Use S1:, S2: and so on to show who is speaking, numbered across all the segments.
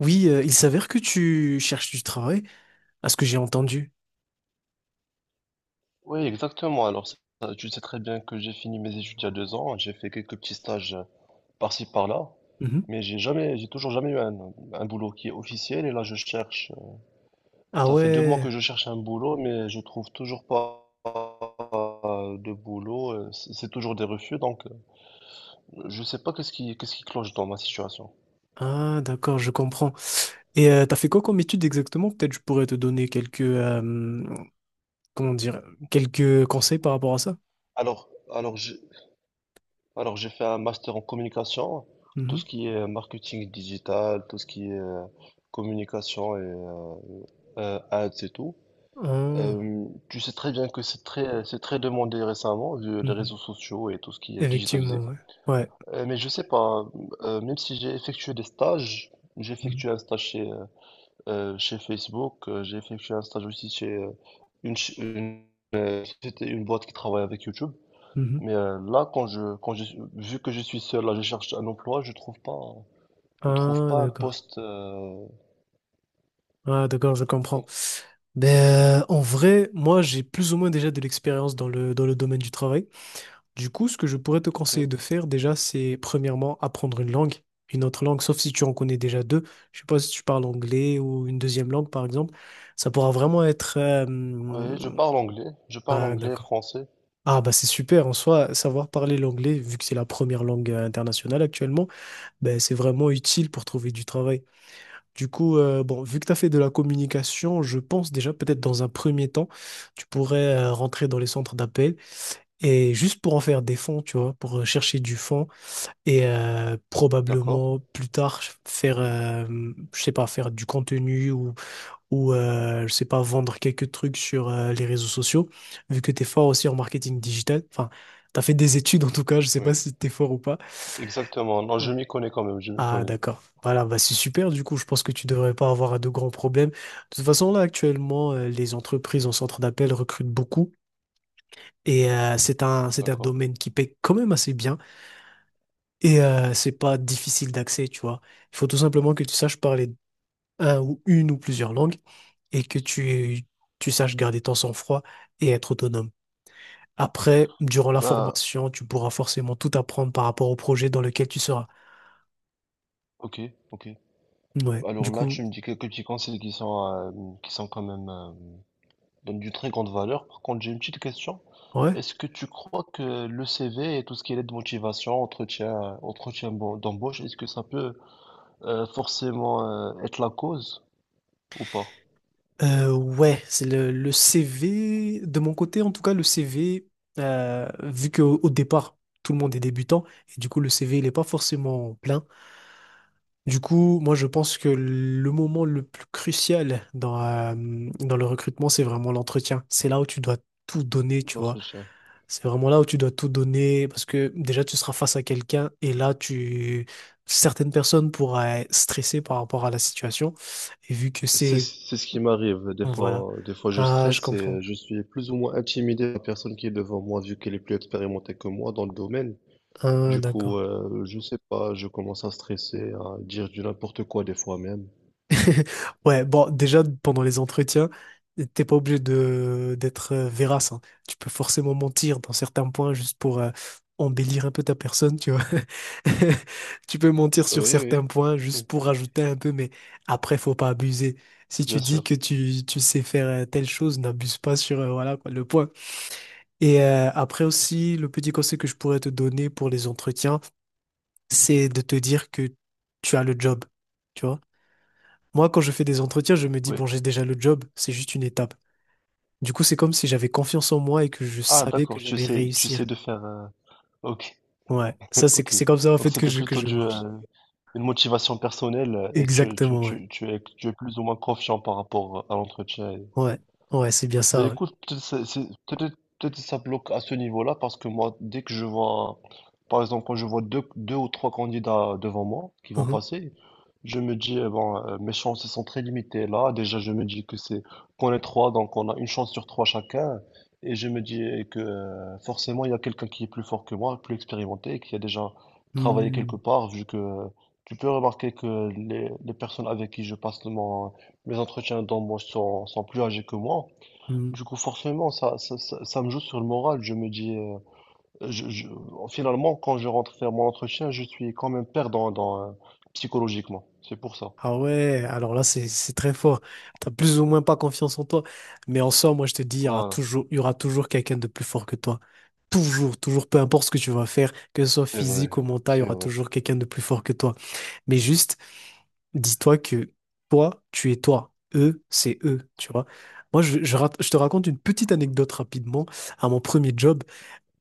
S1: Oui, il s'avère que tu cherches du travail, à ce que j'ai entendu.
S2: Oui, exactement. Tu sais très bien que j'ai fini mes études il y a deux ans. J'ai fait quelques petits stages par-ci, par-là.
S1: Mhm.
S2: J'ai toujours jamais eu un boulot qui est officiel. Et là, je cherche.
S1: Ah
S2: Ça fait deux mois
S1: ouais,
S2: que je cherche un boulot, mais je trouve toujours pas de boulot. C'est toujours des refus. Je sais pas qu'est-ce qui cloche dans ma situation.
S1: ah d'accord, je comprends. Et t'as fait quoi comme étude exactement? Peut-être je pourrais te donner quelques, comment dire, quelques conseils par rapport à ça.
S2: Alors, alors, je Alors j'ai fait un master en communication, tout
S1: Mhm.
S2: ce qui est marketing digital, tout ce qui est communication et ads et tout.
S1: Ah,
S2: Tu sais très bien que c'est très demandé récemment, vu les réseaux
S1: mhm.
S2: sociaux et tout ce qui est digitalisé.
S1: Effectivement, ouais. Ouais.
S2: Mais je sais pas, même si j'ai effectué des stages, j'ai
S1: Mhm.
S2: effectué un stage chez Facebook, j'ai effectué un stage aussi chez une, ch- une, société- une boîte qui travaille avec YouTube.
S1: Mhm.
S2: Là, vu que je suis seul, là, je cherche un emploi, je trouve
S1: Ah
S2: pas un
S1: d'accord.
S2: poste.
S1: Ah d'accord, je comprends. Ben, en vrai, moi j'ai plus ou moins déjà de l'expérience dans dans le domaine du travail. Du coup, ce que je pourrais te
S2: Ok.
S1: conseiller de faire déjà, c'est premièrement apprendre une langue, une autre langue, sauf si tu en connais déjà deux. Je sais pas si tu parles anglais ou une deuxième langue, par exemple. Ça pourra vraiment être...
S2: Oui, je parle
S1: Ah,
S2: anglais et
S1: d'accord.
S2: français,
S1: Ah, bah c'est super. En soi, savoir parler l'anglais, vu que c'est la première langue internationale actuellement, ben c'est vraiment utile pour trouver du travail. Du coup, bon, vu que tu as fait de la communication, je pense déjà peut-être dans un premier temps, tu pourrais rentrer dans les centres d'appel et juste pour en faire des fonds, tu vois, pour chercher du fonds et
S2: d'accord?
S1: probablement plus tard faire je sais pas faire du contenu ou je sais pas vendre quelques trucs sur les réseaux sociaux vu que tu es fort aussi en marketing digital enfin tu as fait des études en tout cas je sais pas
S2: Oui,
S1: si tu es fort ou pas.
S2: exactement. Non, je
S1: Oh.
S2: m'y connais quand même, je m'y
S1: Ah
S2: connais,
S1: d'accord, voilà, bah c'est super. Du coup je pense que tu devrais pas avoir de grands problèmes de toute façon. Là actuellement les entreprises en centre d'appel recrutent beaucoup et c'est un
S2: d'accord?
S1: domaine qui paye quand même assez bien. Et c'est pas difficile d'accès, tu vois. Il faut tout simplement que tu saches parler un ou une ou plusieurs langues et tu saches garder ton sang-froid et être autonome. Après, durant la
S2: Bah,
S1: formation, tu pourras forcément tout apprendre par rapport au projet dans lequel tu seras.
S2: ok, ok.
S1: Ouais,
S2: Alors
S1: du
S2: là,
S1: coup,
S2: tu me dis quelques petits conseils qui sont quand même donnent d'une très grande valeur. Par contre, j'ai une petite question.
S1: ouais.
S2: Est-ce que tu crois que le CV et tout ce qui est lettre de motivation, entretien, d'embauche, est-ce que ça peut forcément être la cause ou pas,
S1: Ouais, c'est le CV, de mon côté en tout cas, le CV, vu qu'au au départ, tout le monde est débutant, et du coup, le CV, il n'est pas forcément plein. Du coup, moi, je pense que le moment le plus crucial dans, dans le recrutement, c'est vraiment l'entretien. C'est là où tu dois tout donner, tu vois.
S2: notre chien.
S1: C'est vraiment là où tu dois tout donner parce que déjà, tu seras face à quelqu'un et là, tu... certaines personnes pourraient stresser par rapport à la situation. Et vu que
S2: C'est
S1: c'est...
S2: c'est ce qui m'arrive.
S1: Bon, voilà.
S2: Des fois, je
S1: Ah, je
S2: stresse et
S1: comprends.
S2: je suis plus ou moins intimidé par la personne qui est devant moi, vu qu'elle est plus expérimentée que moi dans le domaine.
S1: Ah,
S2: Du coup,
S1: d'accord.
S2: euh, je sais pas, je commence à stresser, à dire du n'importe quoi des fois même.
S1: Ouais, bon, déjà, pendant les entretiens, t'es pas obligé de d'être vérace, hein. Tu peux forcément mentir dans certains points juste pour embellir un peu ta personne, tu vois. Tu peux mentir
S2: Oui,
S1: sur certains
S2: oui,
S1: points
S2: oui,
S1: juste pour rajouter un peu, mais après, faut pas abuser. Si tu
S2: bien
S1: dis
S2: sûr.
S1: que tu sais faire telle chose, n'abuse pas sur, voilà, quoi, le point. Et après aussi, le petit conseil que je pourrais te donner pour les entretiens, c'est de te dire que tu as le job. Moi, quand je fais des entretiens, je me dis,
S2: Oui.
S1: bon, j'ai déjà le job, c'est juste une étape. Du coup, c'est comme si j'avais confiance en moi et que je
S2: Ah,
S1: savais que
S2: d'accord,
S1: j'allais
S2: tu
S1: réussir.
S2: sais de faire. Ok,
S1: Ouais, ça,
S2: ok.
S1: c'est comme ça, en
S2: Donc
S1: fait,
S2: c'était
S1: que
S2: plutôt
S1: je
S2: du,
S1: marche.
S2: euh, Une motivation personnelle et
S1: Exactement, ouais.
S2: tu es plus ou moins confiant par rapport à l'entretien.
S1: Ouais, ouais, c'est bien
S2: Ben
S1: ça, ouais.
S2: écoute, peut-être ça bloque à ce niveau-là parce que moi, dès que je vois, par exemple, quand je vois deux ou trois candidats devant moi qui vont
S1: Mhm.
S2: passer, je me dis, mes chances sont très limitées là. Déjà, je me dis que c'est qu'on est trois, donc on a une chance sur trois chacun. Et je me dis eh, que forcément, il y a quelqu'un qui est plus fort que moi, plus expérimenté, qui a déjà travaillé quelque part, vu que tu peux remarquer que les personnes avec qui je passe mes entretiens d'embauche sont plus âgées que moi.
S1: Hmm, hmm.
S2: Du coup, forcément, ça me joue sur le moral. Je me dis, je, je- finalement, quand je rentre faire mon entretien, je suis quand même perdant psychologiquement. C'est pour ça.
S1: Ah ouais, alors là, c'est très fort. T'as plus ou moins pas confiance en toi. Mais en soi, moi, je te dis,
S2: Voilà.
S1: il y aura toujours quelqu'un de plus fort que toi. Toujours, toujours, peu importe ce que tu vas faire, que ce soit
S2: C'est vrai.
S1: physique ou mental, il y
S2: C'est
S1: aura
S2: vrai.
S1: toujours quelqu'un de plus fort que toi. Mais juste, dis-toi que toi, tu es toi. Eux, c'est eux, tu vois. Moi, je te raconte une petite anecdote rapidement. À mon premier job,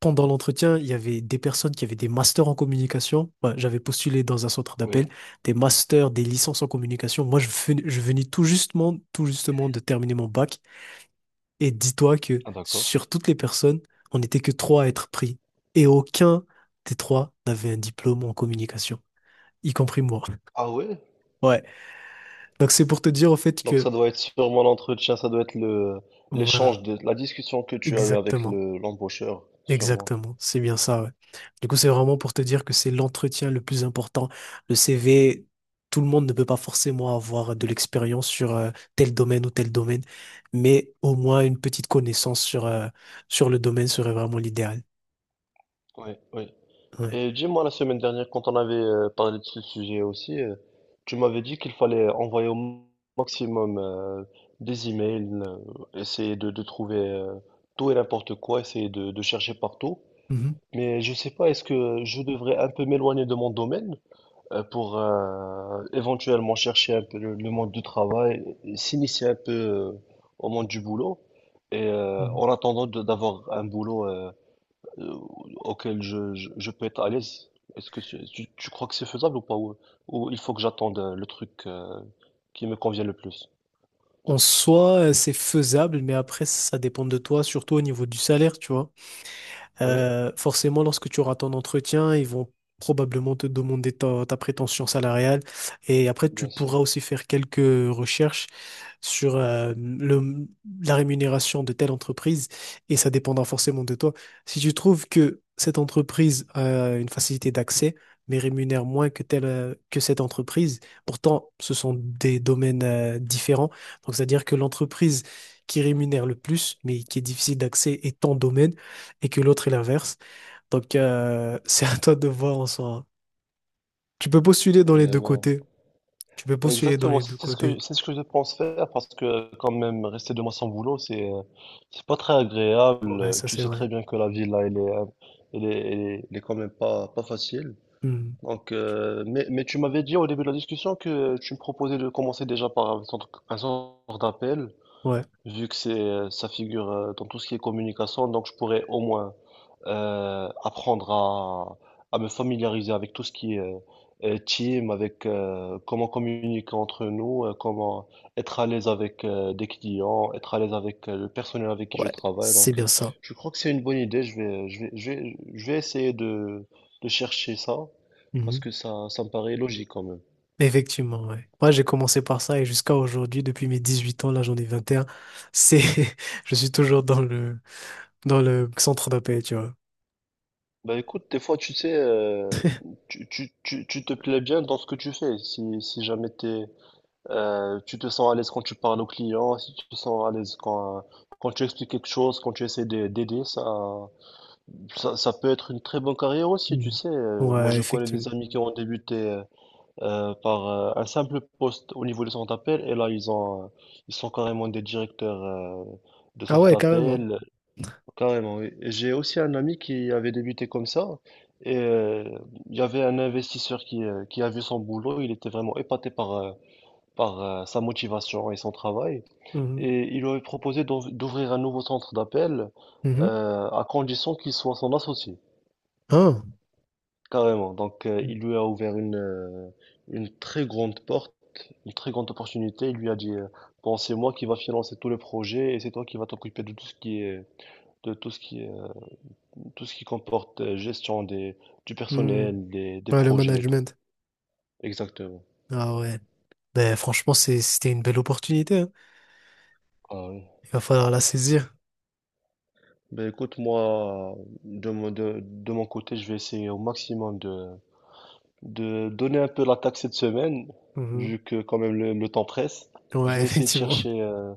S1: pendant l'entretien, il y avait des personnes qui avaient des masters en communication. Ouais, j'avais postulé dans un centre d'appel,
S2: Oui.
S1: des masters, des licences en communication. Moi, je venais tout justement de terminer mon bac. Et dis-toi que
S2: Ah, d'accord.
S1: sur toutes les personnes, on n'était que trois à être pris. Et aucun des trois n'avait un diplôme en communication, y compris moi.
S2: Ah ouais?
S1: Ouais. Donc c'est pour te dire au fait
S2: Donc, ça
S1: que
S2: doit être sûrement l'entretien, ça doit être l'échange
S1: voilà,
S2: la discussion que tu as eu avec
S1: exactement,
S2: l'embaucheur, sûrement.
S1: exactement, c'est bien ça, ouais. Du coup, c'est vraiment pour te dire que c'est l'entretien le plus important. Le CV, tout le monde ne peut pas forcément avoir de l'expérience sur tel domaine ou tel domaine, mais au moins une petite connaissance sur, sur le domaine serait vraiment l'idéal.
S2: Oui, oui.
S1: Ouais.
S2: Et dis-moi, la semaine dernière, quand on avait parlé de ce sujet aussi, tu m'avais dit qu'il fallait envoyer au maximum des emails, essayer de trouver tout et n'importe quoi, essayer de chercher partout.
S1: Mhm,
S2: Mais je sais pas, est-ce que je devrais un peu m'éloigner de mon domaine pour éventuellement chercher un peu le monde du travail, et s'initier un peu au monde du boulot, et
S1: mhm.
S2: d'avoir un boulot euh, auquel je peux être à l'aise. Est-ce que c'est- tu crois que c'est faisable ou pas? Ou il faut que j'attende le truc qui me convient le plus?
S1: En soi, c'est faisable, mais après, ça dépend de toi, surtout au niveau du salaire, tu vois.
S2: Oui,
S1: Forcément, lorsque tu auras ton entretien, ils vont probablement te demander ta prétention salariale. Et après, tu
S2: bien
S1: pourras
S2: sûr.
S1: aussi faire quelques recherches sur le, la rémunération de telle entreprise et ça dépendra forcément de toi. Si tu trouves que cette entreprise a une facilité d'accès, mais rémunère moins que telle, que cette entreprise, pourtant ce sont des domaines différents. Donc c'est-à-dire que l'entreprise qui rémunère le plus, mais qui est difficile d'accès, est ton domaine et que l'autre est l'inverse. Donc c'est à toi de voir en soi. Tu peux postuler dans les
S2: Et
S1: deux
S2: voilà.
S1: côtés. Tu peux
S2: Ouais,
S1: postuler dans
S2: exactement,
S1: les deux côtés.
S2: c'est ce que je pense faire parce que quand même rester deux mois sans boulot, c'est pas très
S1: Ouais,
S2: agréable.
S1: ça
S2: Tu
S1: c'est
S2: sais
S1: vrai.
S2: très bien que la vie là, elle est quand même pas facile.
S1: Hmm.
S2: Mais tu m'avais dit au début de la discussion que tu me proposais de commencer déjà par un un centre d'appel.
S1: Ouais.
S2: Vu que c'est ça figure dans tout ce qui est communication, donc je pourrais au moins euh, apprendre à, à me familiariser avec tout ce qui est team, avec comment communiquer entre nous, comment être à l'aise avec des clients, être à l'aise avec le personnel avec qui je
S1: Ouais,
S2: travaille.
S1: c'est bien ça.
S2: Je crois que c'est une bonne idée. Je vais essayer de chercher ça parce
S1: Mhm.
S2: que ça me paraît logique quand même.
S1: Effectivement, ouais. Moi, j'ai commencé par ça et jusqu'à aujourd'hui, depuis mes 18 ans, là, j'en ai 21 c'est, je suis toujours dans le centre d'appel, tu vois.
S2: Bah écoute, des fois tu sais, tu te plais bien dans ce que tu fais. Si jamais tu te sens à l'aise quand tu parles aux clients, si tu te sens à l'aise quand tu expliques quelque chose, quand tu essaies d'aider, ça peut être une très bonne carrière aussi, tu
S1: Mhm.
S2: sais. Moi
S1: Ouais,
S2: je connais des
S1: effectivement.
S2: amis qui ont débuté par un simple poste au niveau du centre d'appel et là ils sont carrément des directeurs de
S1: Ah
S2: centre
S1: ouais, carrément.
S2: d'appel. Carrément, oui. Et j'ai aussi un ami qui avait débuté comme ça. Et euh, il y avait un investisseur qui a vu son boulot. Il était vraiment épaté par sa motivation et son travail.
S1: Mhm.
S2: Et il lui avait proposé d'ouvrir un nouveau centre d'appel
S1: Mhm.
S2: à condition qu'il soit son associé.
S1: Ah.
S2: Carrément. Il lui a ouvert une très grande porte, une très grande opportunité. Il lui a dit, bon, c'est moi qui va financer tout le projet et c'est toi qui va t'occuper de tout ce qui est, de tout ce qui est tout ce qui comporte gestion du
S1: Mhm.
S2: personnel, des
S1: Ouais, le
S2: projets et tout.
S1: management.
S2: Exactement.
S1: Ah ouais. Ben, franchement, c'était une belle opportunité, hein.
S2: Ah oui.
S1: Il va falloir la saisir.
S2: Ben écoute, moi, de mon côté, je vais essayer au maximum de donner un peu l'attaque cette semaine,
S1: Mhm.
S2: vu que quand même le temps presse. Je
S1: Ouais,
S2: vais essayer de
S1: effectivement.
S2: chercher,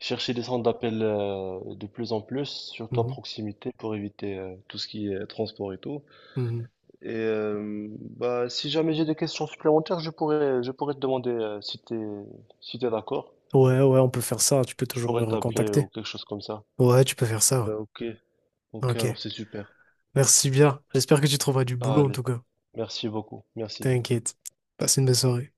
S2: chercher des centres d'appel de plus en plus, surtout à
S1: Mhm.
S2: proximité, pour éviter tout ce qui est transport et tout.
S1: Mhm.
S2: Et bah, si jamais j'ai des questions supplémentaires, je pourrais te demander si t'es d'accord.
S1: Ouais, ouais, on peut faire ça. Hein. Tu peux
S2: Je
S1: toujours me
S2: pourrais t'appeler
S1: recontacter.
S2: ou quelque chose comme ça.
S1: Ouais, tu peux faire ça.
S2: Bah, ok.
S1: Ouais.
S2: Ok, alors
S1: Ok.
S2: c'est super.
S1: Merci bien. J'espère que tu trouveras du
S2: Ah,
S1: boulot en
S2: allez,
S1: tout cas.
S2: merci beaucoup. Merci.
S1: T'inquiète. Passe une bonne soirée.